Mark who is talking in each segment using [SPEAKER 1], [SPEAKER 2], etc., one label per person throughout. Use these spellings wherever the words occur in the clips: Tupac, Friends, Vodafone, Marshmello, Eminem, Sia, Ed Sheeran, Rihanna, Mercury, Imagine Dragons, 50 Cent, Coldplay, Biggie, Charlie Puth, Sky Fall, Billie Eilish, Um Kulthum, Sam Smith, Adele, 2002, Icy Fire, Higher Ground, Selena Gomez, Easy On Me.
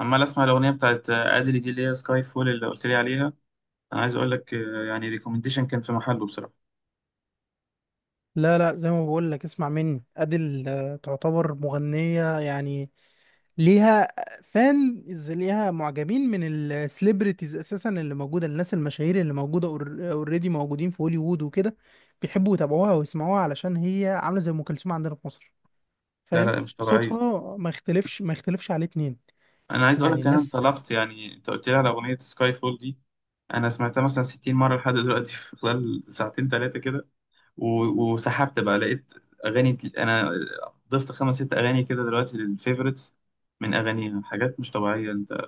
[SPEAKER 1] عمال اسمع الاغنيه بتاعت ادلي دي اللي هي سكاي فول اللي قلت لي عليها. انا عايز اقول لك، يعني ريكومنديشن كان في محله بصراحه.
[SPEAKER 2] لا لا، زي ما بقول لك اسمع مني. أديل تعتبر مغنية، يعني ليها فان ليها معجبين من السليبرتيز اساسا، اللي موجوده الناس المشاهير اللي موجوده اوريدي موجودين في هوليوود وكده. بيحبوا يتابعوها ويسمعوها علشان هي عامله زي ام كلثوم عندنا في مصر،
[SPEAKER 1] لا
[SPEAKER 2] فاهم؟
[SPEAKER 1] لا، مش طبيعيه.
[SPEAKER 2] صوتها ما يختلفش، عليه اتنين.
[SPEAKER 1] انا عايز اقول
[SPEAKER 2] يعني
[SPEAKER 1] لك انا
[SPEAKER 2] الناس
[SPEAKER 1] انطلقت، يعني انت قلت لي على اغنيه سكاي فول دي. انا سمعتها مثلا 60 مره لحد دلوقتي في خلال ساعتين ثلاثه كده. وسحبت بقى، لقيت اغاني انا ضفت خمس ست اغاني كده دلوقتي للفيفوريتس، من اغانيها حاجات مش طبيعيه. انت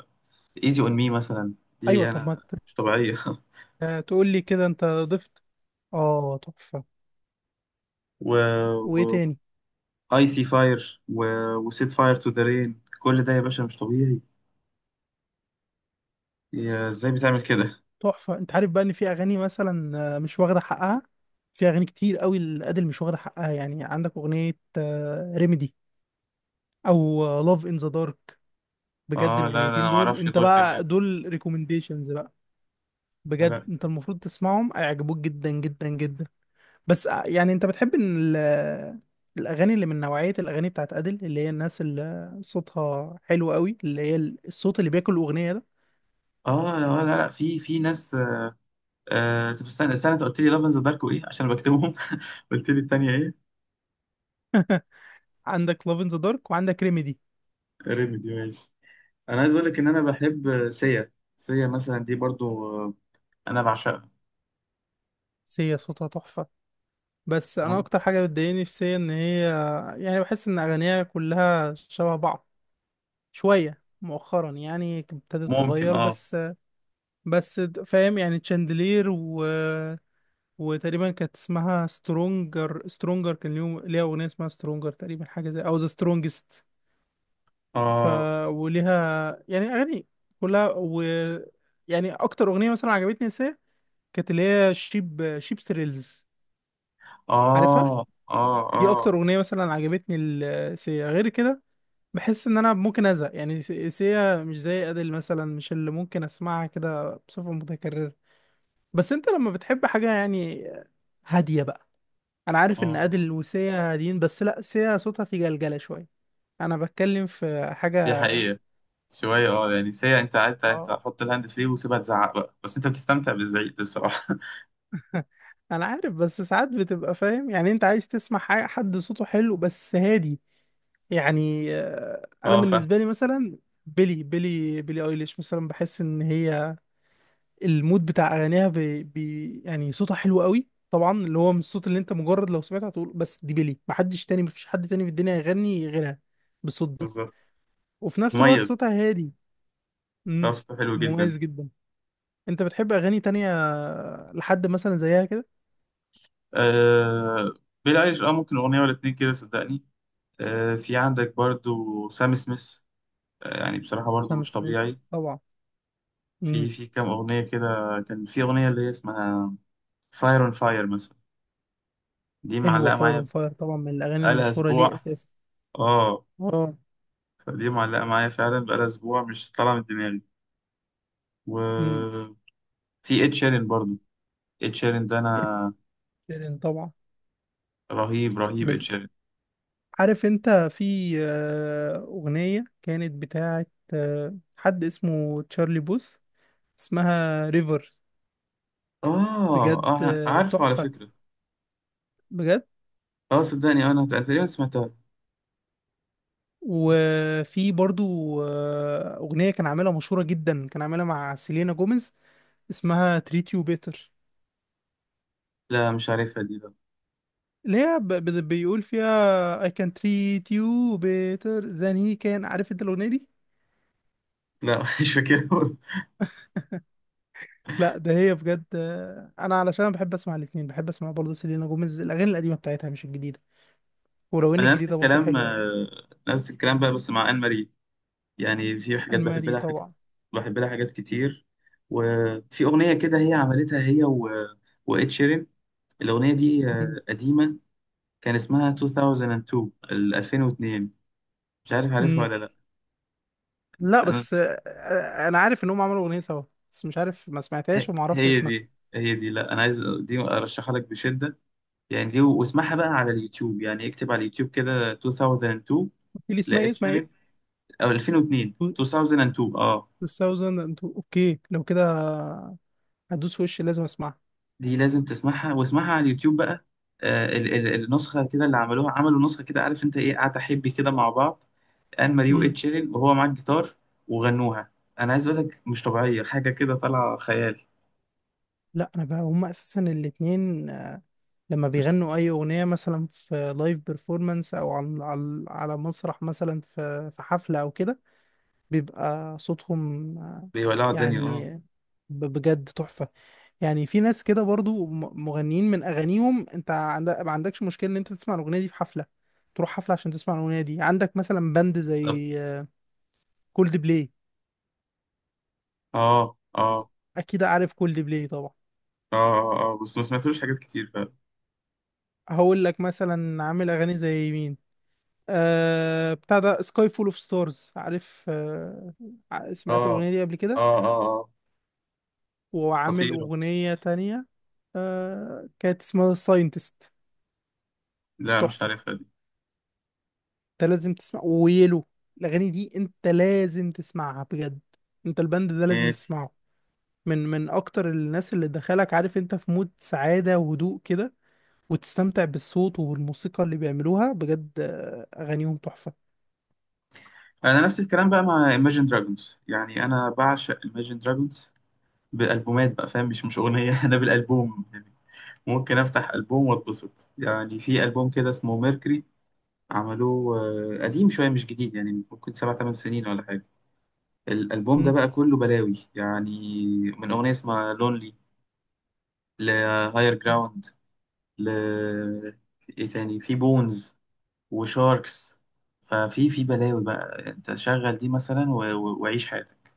[SPEAKER 1] ايزي اون مي مثلا،
[SPEAKER 2] ايوه.
[SPEAKER 1] دي
[SPEAKER 2] طب ما
[SPEAKER 1] انا، مش طبيعيه
[SPEAKER 2] تقول لي كده انت ضفت؟ اه تحفه. وايه
[SPEAKER 1] و...
[SPEAKER 2] تاني؟
[SPEAKER 1] ايسي فاير وسيت فاير تو ذا رين، كل ده يا باشا مش طبيعي. يا ازاي بتعمل كده؟
[SPEAKER 2] تحفة. انت عارف بقى ان في اغاني مثلا مش واخدة حقها؟ في اغاني كتير قوي الادل مش واخدة حقها. يعني عندك اغنية ريميدي او لاف ان ذا دارك، بجد
[SPEAKER 1] اه، لا لا، انا
[SPEAKER 2] الاغنيتين
[SPEAKER 1] ما
[SPEAKER 2] دول،
[SPEAKER 1] اعرفش
[SPEAKER 2] انت
[SPEAKER 1] دول
[SPEAKER 2] بقى
[SPEAKER 1] كمان.
[SPEAKER 2] دول ريكومنديشنز بقى. بجد
[SPEAKER 1] لا.
[SPEAKER 2] انت المفروض تسمعهم، هيعجبوك جدا جدا جدا. بس يعني انت بتحب ان الاغاني اللي من نوعية الاغاني بتاعت ادل، اللي هي الناس اللي صوتها حلو قوي، اللي هي الصوت اللي بياكل الاغنية ده.
[SPEAKER 1] اه، لا لا، لا. في ناس. طب استنى استنى، انت قلت لي لاف ذا دارك وايه، عشان بكتبهم قلت لي التانية ايه؟
[SPEAKER 2] عندك لاف ان ذا دارك وعندك ريميدي.
[SPEAKER 1] ريميدي، ماشي. انا عايز اقول لك ان انا بحب سيا. سيا مثلا دي برضو، انا بعشقها.
[SPEAKER 2] سيا صوتها تحفة، بس انا اكتر حاجه بتضايقني في سي ان هي يعني بحس ان اغانيها كلها شبه بعض. شويه مؤخرا يعني ابتدت
[SPEAKER 1] ممكن
[SPEAKER 2] تتغير،
[SPEAKER 1] اه
[SPEAKER 2] بس بس فاهم؟ يعني تشاندلير وتقريبا كانت اسمها سترونجر. سترونجر كان ليها اغنيه اسمها سترونجر تقريبا، حاجه زي او ذا سترونجست. ف
[SPEAKER 1] اه
[SPEAKER 2] وليها يعني اغاني كلها، و يعني اكتر اغنيه مثلا عجبتني سي كانت اللي هي شيب ثريلز، عارفها؟
[SPEAKER 1] اه. اه
[SPEAKER 2] دي
[SPEAKER 1] اه
[SPEAKER 2] اكتر اغنيه مثلا عجبتني السي، غير كده بحس ان انا ممكن ازهق. يعني سيا مش زي ادل مثلا، مش اللي ممكن اسمعها كده بصفة متكررة. بس انت لما بتحب حاجة يعني هادية بقى. انا عارف ان
[SPEAKER 1] اه.
[SPEAKER 2] ادل وسيا هاديين، بس لا، سيا صوتها في جلجلة شوية. انا بتكلم في حاجة.
[SPEAKER 1] دي حقيقة. شوية، يعني ساعة انت قاعد، انت
[SPEAKER 2] اه.
[SPEAKER 1] حط الهاند فري وسيبها تزعق بقى، بس انت بتستمتع بالزعيق ده بصراحة.
[SPEAKER 2] انا عارف، بس ساعات بتبقى فاهم؟ يعني انت عايز تسمع حاجة، حد صوته حلو بس هادي. يعني انا
[SPEAKER 1] اه، فاهم.
[SPEAKER 2] بالنسبة لي مثلا بيلي بيلي ايليش مثلا بحس ان هي المود بتاع اغانيها بي بي. يعني صوتها حلو قوي طبعا، اللي هو من الصوت اللي انت مجرد لو سمعته هتقول بس دي بيلي، محدش تاني، مفيش حد تاني في الدنيا يغني غيرها بالصوت ده.
[SPEAKER 1] بالظبط.
[SPEAKER 2] وفي نفس الوقت
[SPEAKER 1] مميز.
[SPEAKER 2] صوتها هادي.
[SPEAKER 1] لا،
[SPEAKER 2] امم.
[SPEAKER 1] صوته حلو جدا.
[SPEAKER 2] مميز جدا. انت بتحب اغاني تانية لحد مثلا زيها كده؟
[SPEAKER 1] آه بيلي ايليش، ممكن اغنية ولا اتنين كده صدقني. في عندك برضو سام سميث، يعني بصراحة برضو
[SPEAKER 2] سام
[SPEAKER 1] مش
[SPEAKER 2] سميث
[SPEAKER 1] طبيعي.
[SPEAKER 2] طبعا.
[SPEAKER 1] في
[SPEAKER 2] امم.
[SPEAKER 1] في كام اغنية كده، كان في اغنية اللي هي اسمها فاير اون فاير مثلا، دي
[SPEAKER 2] حلوه
[SPEAKER 1] معلقة
[SPEAKER 2] فاير اون
[SPEAKER 1] معايا
[SPEAKER 2] فاير طبعا، من الاغاني
[SPEAKER 1] بقالها
[SPEAKER 2] المشهوره ليه
[SPEAKER 1] اسبوع
[SPEAKER 2] اساسا.
[SPEAKER 1] اه.
[SPEAKER 2] اه.
[SPEAKER 1] فدي معلقة معايا فعلا بقالها اسبوع، مش طالعة من دماغي.
[SPEAKER 2] امم.
[SPEAKER 1] وفي اد شيرين برضو، ed شيران ده،
[SPEAKER 2] إد
[SPEAKER 1] انا،
[SPEAKER 2] شيران طبعا.
[SPEAKER 1] رهيب رهيب ed
[SPEAKER 2] من
[SPEAKER 1] شيران.
[SPEAKER 2] عارف انت في اغنية كانت بتاعت حد اسمه تشارلي بوث اسمها ريفر.
[SPEAKER 1] اه
[SPEAKER 2] بجد
[SPEAKER 1] اه، عارفه على
[SPEAKER 2] تحفة،
[SPEAKER 1] فكره.
[SPEAKER 2] بجد.
[SPEAKER 1] اه صدقني، انا تقريبا سمعتها.
[SPEAKER 2] وفي برضو اغنية كان عاملها مشهورة جدا، كان عاملها مع سيلينا جوميز، اسمها treat you better.
[SPEAKER 1] لا مش عارفها دي بقى.
[SPEAKER 2] اللي هي بيقول فيها I can treat you better than he can، عارف انت الاغنية دي؟
[SPEAKER 1] لا مش فاكرها.
[SPEAKER 2] لا ده هي بجد انا علشان بحب اسمع الاتنين، بحب اسمع برضو سيلينا جوميز الاغاني القديمة بتاعتها مش الجديدة، ولو ان
[SPEAKER 1] انا نفس
[SPEAKER 2] الجديده برضو
[SPEAKER 1] الكلام،
[SPEAKER 2] حلوه يعني.
[SPEAKER 1] نفس الكلام بقى، بس مع ان ماري، يعني في حاجات بحب
[SPEAKER 2] المالي
[SPEAKER 1] لها، حاجات
[SPEAKER 2] طبعا.
[SPEAKER 1] بحب لها حاجات كتير. وفي اغنيه كده هي عملتها، هي وإد شيران. الاغنيه دي
[SPEAKER 2] مم.
[SPEAKER 1] قديمه، كان اسمها 2002، ال 2002، مش عارف عارفها
[SPEAKER 2] مم.
[SPEAKER 1] ولا لا.
[SPEAKER 2] لا
[SPEAKER 1] انا
[SPEAKER 2] بس انا عارف ان هم عملوا اغنيه سوا، بس مش عارف، ما سمعتهاش وما اعرفش
[SPEAKER 1] هي
[SPEAKER 2] اسمها.
[SPEAKER 1] دي هي دي لا، انا عايز دي ارشحها لك بشده، يعني دي، واسمعها بقى على اليوتيوب، يعني اكتب على اليوتيوب كده 2002،
[SPEAKER 2] قلت لي اسمها ايه؟
[SPEAKER 1] لقيت
[SPEAKER 2] اسمها ايه؟
[SPEAKER 1] شريط، او 2002، 2002، اه.
[SPEAKER 2] 2000، انتوا اوكي لو كده هدوس وش لازم اسمعها.
[SPEAKER 1] دي لازم تسمعها، واسمعها على اليوتيوب بقى. ال النسخه كده اللي عملوها، عملوا نسخه كده، عارف انت، ايه، قعدة حبي كده مع بعض، ان ماري
[SPEAKER 2] مم.
[SPEAKER 1] وايد شيرين وهو معاه الجيتار، وغنوها. انا عايز اقول لك، مش طبيعيه، حاجه كده طالعه خيال.
[SPEAKER 2] لا انا بقى هم اساسا الاتنين لما
[SPEAKER 1] مش
[SPEAKER 2] بيغنوا
[SPEAKER 1] طبيعيه.
[SPEAKER 2] اي اغنيه مثلا في لايف بيرفورمانس او على على مسرح مثلا في في حفله او كده، بيبقى صوتهم
[SPEAKER 1] بيولعوا الدنيا اه.
[SPEAKER 2] يعني بجد تحفه. يعني في ناس كده برضو مغنيين من اغانيهم انت عند... ما عندكش مشكله ان انت تسمع الاغنيه دي في حفله، تروح حفله عشان تسمع الاغنيه دي. عندك مثلا باند
[SPEAKER 1] بالظبط.
[SPEAKER 2] زي كولد بلاي.
[SPEAKER 1] اه اه
[SPEAKER 2] اكيد عارف كولد بلاي طبعا.
[SPEAKER 1] اه اه، آه، آه. بس ما سمعتلوش حاجات كتير.
[SPEAKER 2] هقول لك مثلا عامل اغاني زي مين. آه بتاع ده سكاي فول اوف ستارز، عارف؟ آه سمعت
[SPEAKER 1] اه
[SPEAKER 2] الاغنيه دي قبل كده؟
[SPEAKER 1] اه اه اه،
[SPEAKER 2] وعامل
[SPEAKER 1] خطيرة.
[SPEAKER 2] اغنيه تانية آه كانت اسمها ساينتست.
[SPEAKER 1] لا مش عارفها دي.
[SPEAKER 2] انت لازم تسمع ويلو. الاغاني دي انت لازم تسمعها بجد، انت البند ده لازم
[SPEAKER 1] ماشي.
[SPEAKER 2] تسمعه. من من اكتر الناس اللي دخلك عارف انت في مود سعادة وهدوء كده وتستمتع بالصوت وبالموسيقى اللي بيعملوها. بجد اغانيهم تحفة.
[SPEAKER 1] انا نفس الكلام بقى مع Imagine Dragons، يعني انا بعشق Imagine Dragons بالالبومات بقى، فاهم، مش اغنية انا بالالبوم يعني، ممكن افتح البوم واتبسط. يعني في البوم كده اسمه ميركوري، عملوه قديم شوية، مش جديد، يعني ممكن سبع تمن سنين ولا حاجة. الألبوم ده
[SPEAKER 2] مم.
[SPEAKER 1] بقى كله بلاوي، يعني من أغنية اسمها لونلي، لهاير جراوند، ل Higher Ground، ل- ايه تاني، في بونز وشاركس. ففي بلاوي بقى، انت شغل دي مثلا وعيش حياتك.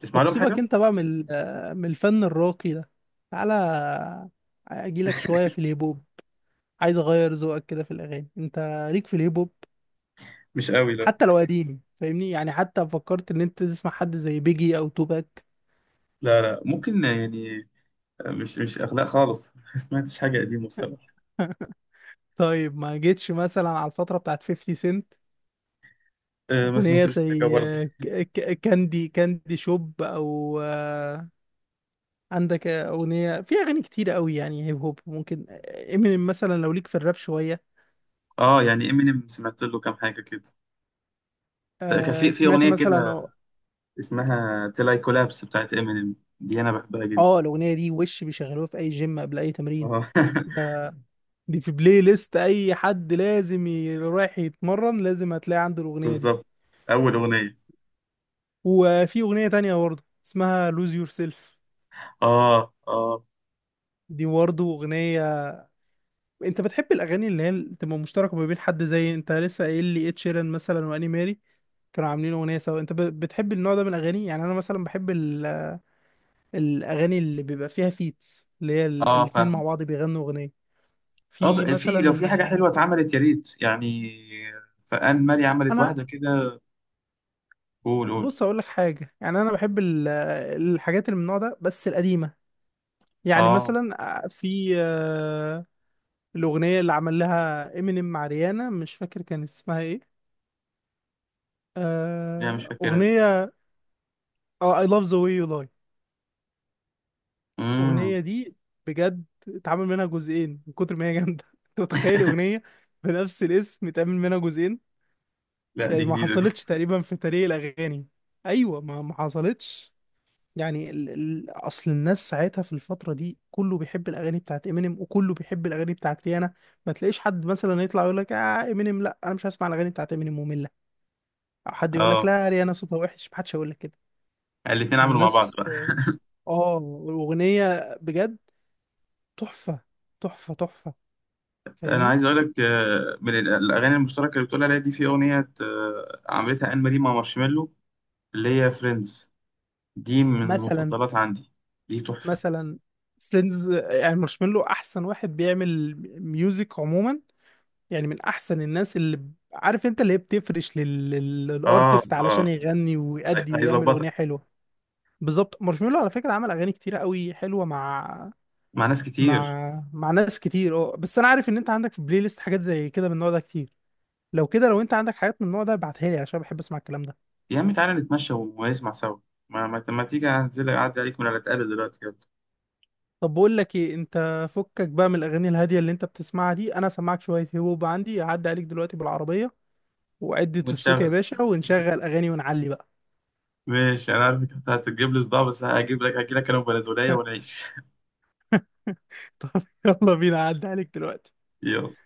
[SPEAKER 1] تسمع
[SPEAKER 2] طب
[SPEAKER 1] لهم حاجة؟
[SPEAKER 2] سيبك انت بقى من من الفن الراقي ده، تعالى اجيلك شوية في الهيب هوب. عايز اغير ذوقك كده في الاغاني. انت ليك في الهيب هوب؟
[SPEAKER 1] مش قوي، لا.
[SPEAKER 2] حتى لو قديم فاهمني، يعني حتى فكرت ان انت تسمع حد زي بيجي او توباك؟
[SPEAKER 1] لا لا، ممكن يعني، مش اخلاق خالص ما سمعتش حاجة قديمة بصراحة.
[SPEAKER 2] طيب ما جيتش مثلا على الفترة بتاعت 50 سنت؟
[SPEAKER 1] أه، ما
[SPEAKER 2] أغنية
[SPEAKER 1] سمعتوش حاجة
[SPEAKER 2] زي
[SPEAKER 1] برضه.
[SPEAKER 2] كاندي كاندي شوب، أو عندك أغنية، في أغاني كتير قوي يعني هيب هوب. ممكن امينيم مثلا لو ليك في الراب شوية.
[SPEAKER 1] اه يعني امينيم سمعت له كام حاجة كده، كان في
[SPEAKER 2] سمعت
[SPEAKER 1] اغنية
[SPEAKER 2] مثلا؟
[SPEAKER 1] كده
[SPEAKER 2] اه
[SPEAKER 1] اسمها تلاي كولابس بتاعت امينيم، دي انا بحبها جدا
[SPEAKER 2] الأغنية دي وش بيشغلوها في أي جيم قبل أي تمرين
[SPEAKER 1] اه
[SPEAKER 2] ده. دي في بلاي ليست أي حد لازم رايح يتمرن لازم هتلاقي عنده الأغنية دي.
[SPEAKER 1] بالظبط، اول اغنية.
[SPEAKER 2] وفي أغنية تانية برضه اسمها لوز يور سيلف،
[SPEAKER 1] اه اه.
[SPEAKER 2] دي برضه أغنية. انت بتحب الاغاني اللي هي اللي تبقى مشتركه ما بين حد زي انت لسه قايل لي اد شيران مثلا واني ماري كانوا عاملين اغنيه سوا؟ انت بتحب النوع ده من الاغاني؟ يعني انا مثلا بحب الاغاني اللي بيبقى فيها فيتس، اللي هي الاتنين
[SPEAKER 1] اه
[SPEAKER 2] مع بعض بيغنوا اغنيه.
[SPEAKER 1] اه
[SPEAKER 2] في
[SPEAKER 1] بقى، في لو
[SPEAKER 2] مثلا
[SPEAKER 1] في حاجة حلوة اتعملت يا ريت، يعني فان مالي عملت
[SPEAKER 2] انا،
[SPEAKER 1] واحدة كده. قول قول.
[SPEAKER 2] بص اقول لك حاجه، يعني انا بحب الحاجات اللي من النوع ده بس القديمه. يعني
[SPEAKER 1] اه،
[SPEAKER 2] مثلا في الاغنيه اللي عمل لها امينيم مع ريانا، مش فاكر كان اسمها ايه.
[SPEAKER 1] دي انا مش فاكرها.
[SPEAKER 2] اغنيه، اه I love the way you lie،
[SPEAKER 1] امم،
[SPEAKER 2] الأغنية دي بجد اتعمل منها جزئين من كتر ما هي جامدة. أنت متخيل أغنية بنفس الاسم اتعمل منها جزئين؟
[SPEAKER 1] لا دي
[SPEAKER 2] يعني ما
[SPEAKER 1] جديدة دي.
[SPEAKER 2] حصلتش تقريبا في تاريخ الأغاني. أيوة، ما حصلتش. يعني أصل الناس ساعتها في الفترة دي كله بيحب الأغاني بتاعت إمينيم، وكله بيحب الأغاني بتاعت ريانا. ما تلاقيش حد مثلا يطلع يقول لك آه إمينيم لا، أنا مش هسمع الأغاني بتاعت إمينيم، مملة. أو حد يقول لك
[SPEAKER 1] اه،
[SPEAKER 2] لا ريانا صوتها وحش، ما حدش هيقول لك كده.
[SPEAKER 1] الاتنين عملوا مع بعض
[SPEAKER 2] الناس
[SPEAKER 1] بقى.
[SPEAKER 2] آه الأغنية بجد تحفة، تحفة، تحفة،
[SPEAKER 1] انا
[SPEAKER 2] فاهمني؟
[SPEAKER 1] عايز اقول لك، من الاغاني المشتركة اللي بتقول عليها دي، في اغنية عملتها ان مالي مع مارشميلو، اللي هي فريندز، دي من
[SPEAKER 2] مثلا،
[SPEAKER 1] المفضلات عندي، دي تحفة.
[SPEAKER 2] مثلا فريندز. يعني مارشميلو احسن واحد بيعمل ميوزك عموما. يعني من احسن الناس اللي عارف انت اللي هي بتفرش
[SPEAKER 1] اه
[SPEAKER 2] للارتست علشان
[SPEAKER 1] اه،
[SPEAKER 2] يغني ويأدي ويعمل اغنيه
[SPEAKER 1] هيظبطك
[SPEAKER 2] حلوه. بالظبط. مارشميلو على فكره عمل اغاني كتيره قوي حلوه مع
[SPEAKER 1] مع ناس كتير.
[SPEAKER 2] مع ناس كتير. اه بس انا عارف ان انت عندك في بلاي ليست حاجات زي كده من النوع ده كتير. لو كده، لو انت عندك حاجات من النوع ده ابعتها لي عشان بحب اسمع الكلام ده.
[SPEAKER 1] يا عم تعالى نتمشى ونسمع سوا، ما تيجي انزل اعدي عليك، ولا نتقابل دلوقتي، يلا
[SPEAKER 2] طب بقول لك ايه؟ انت فكك بقى من الاغاني الهاديه اللي انت بتسمعها دي، انا سامعك شويه هيب هوب. عندي هعدي عليك دلوقتي بالعربيه، وعدة
[SPEAKER 1] ونشغل.
[SPEAKER 2] الصوت يا باشا، ونشغل اغاني ونعلي بقى.
[SPEAKER 1] ماشي، انا عارف انك هتجيب لي صداع، بس هجي لك انا وبلدولية ونعيش
[SPEAKER 2] طب يلا بينا، هعدي عليك دلوقتي.
[SPEAKER 1] يلا.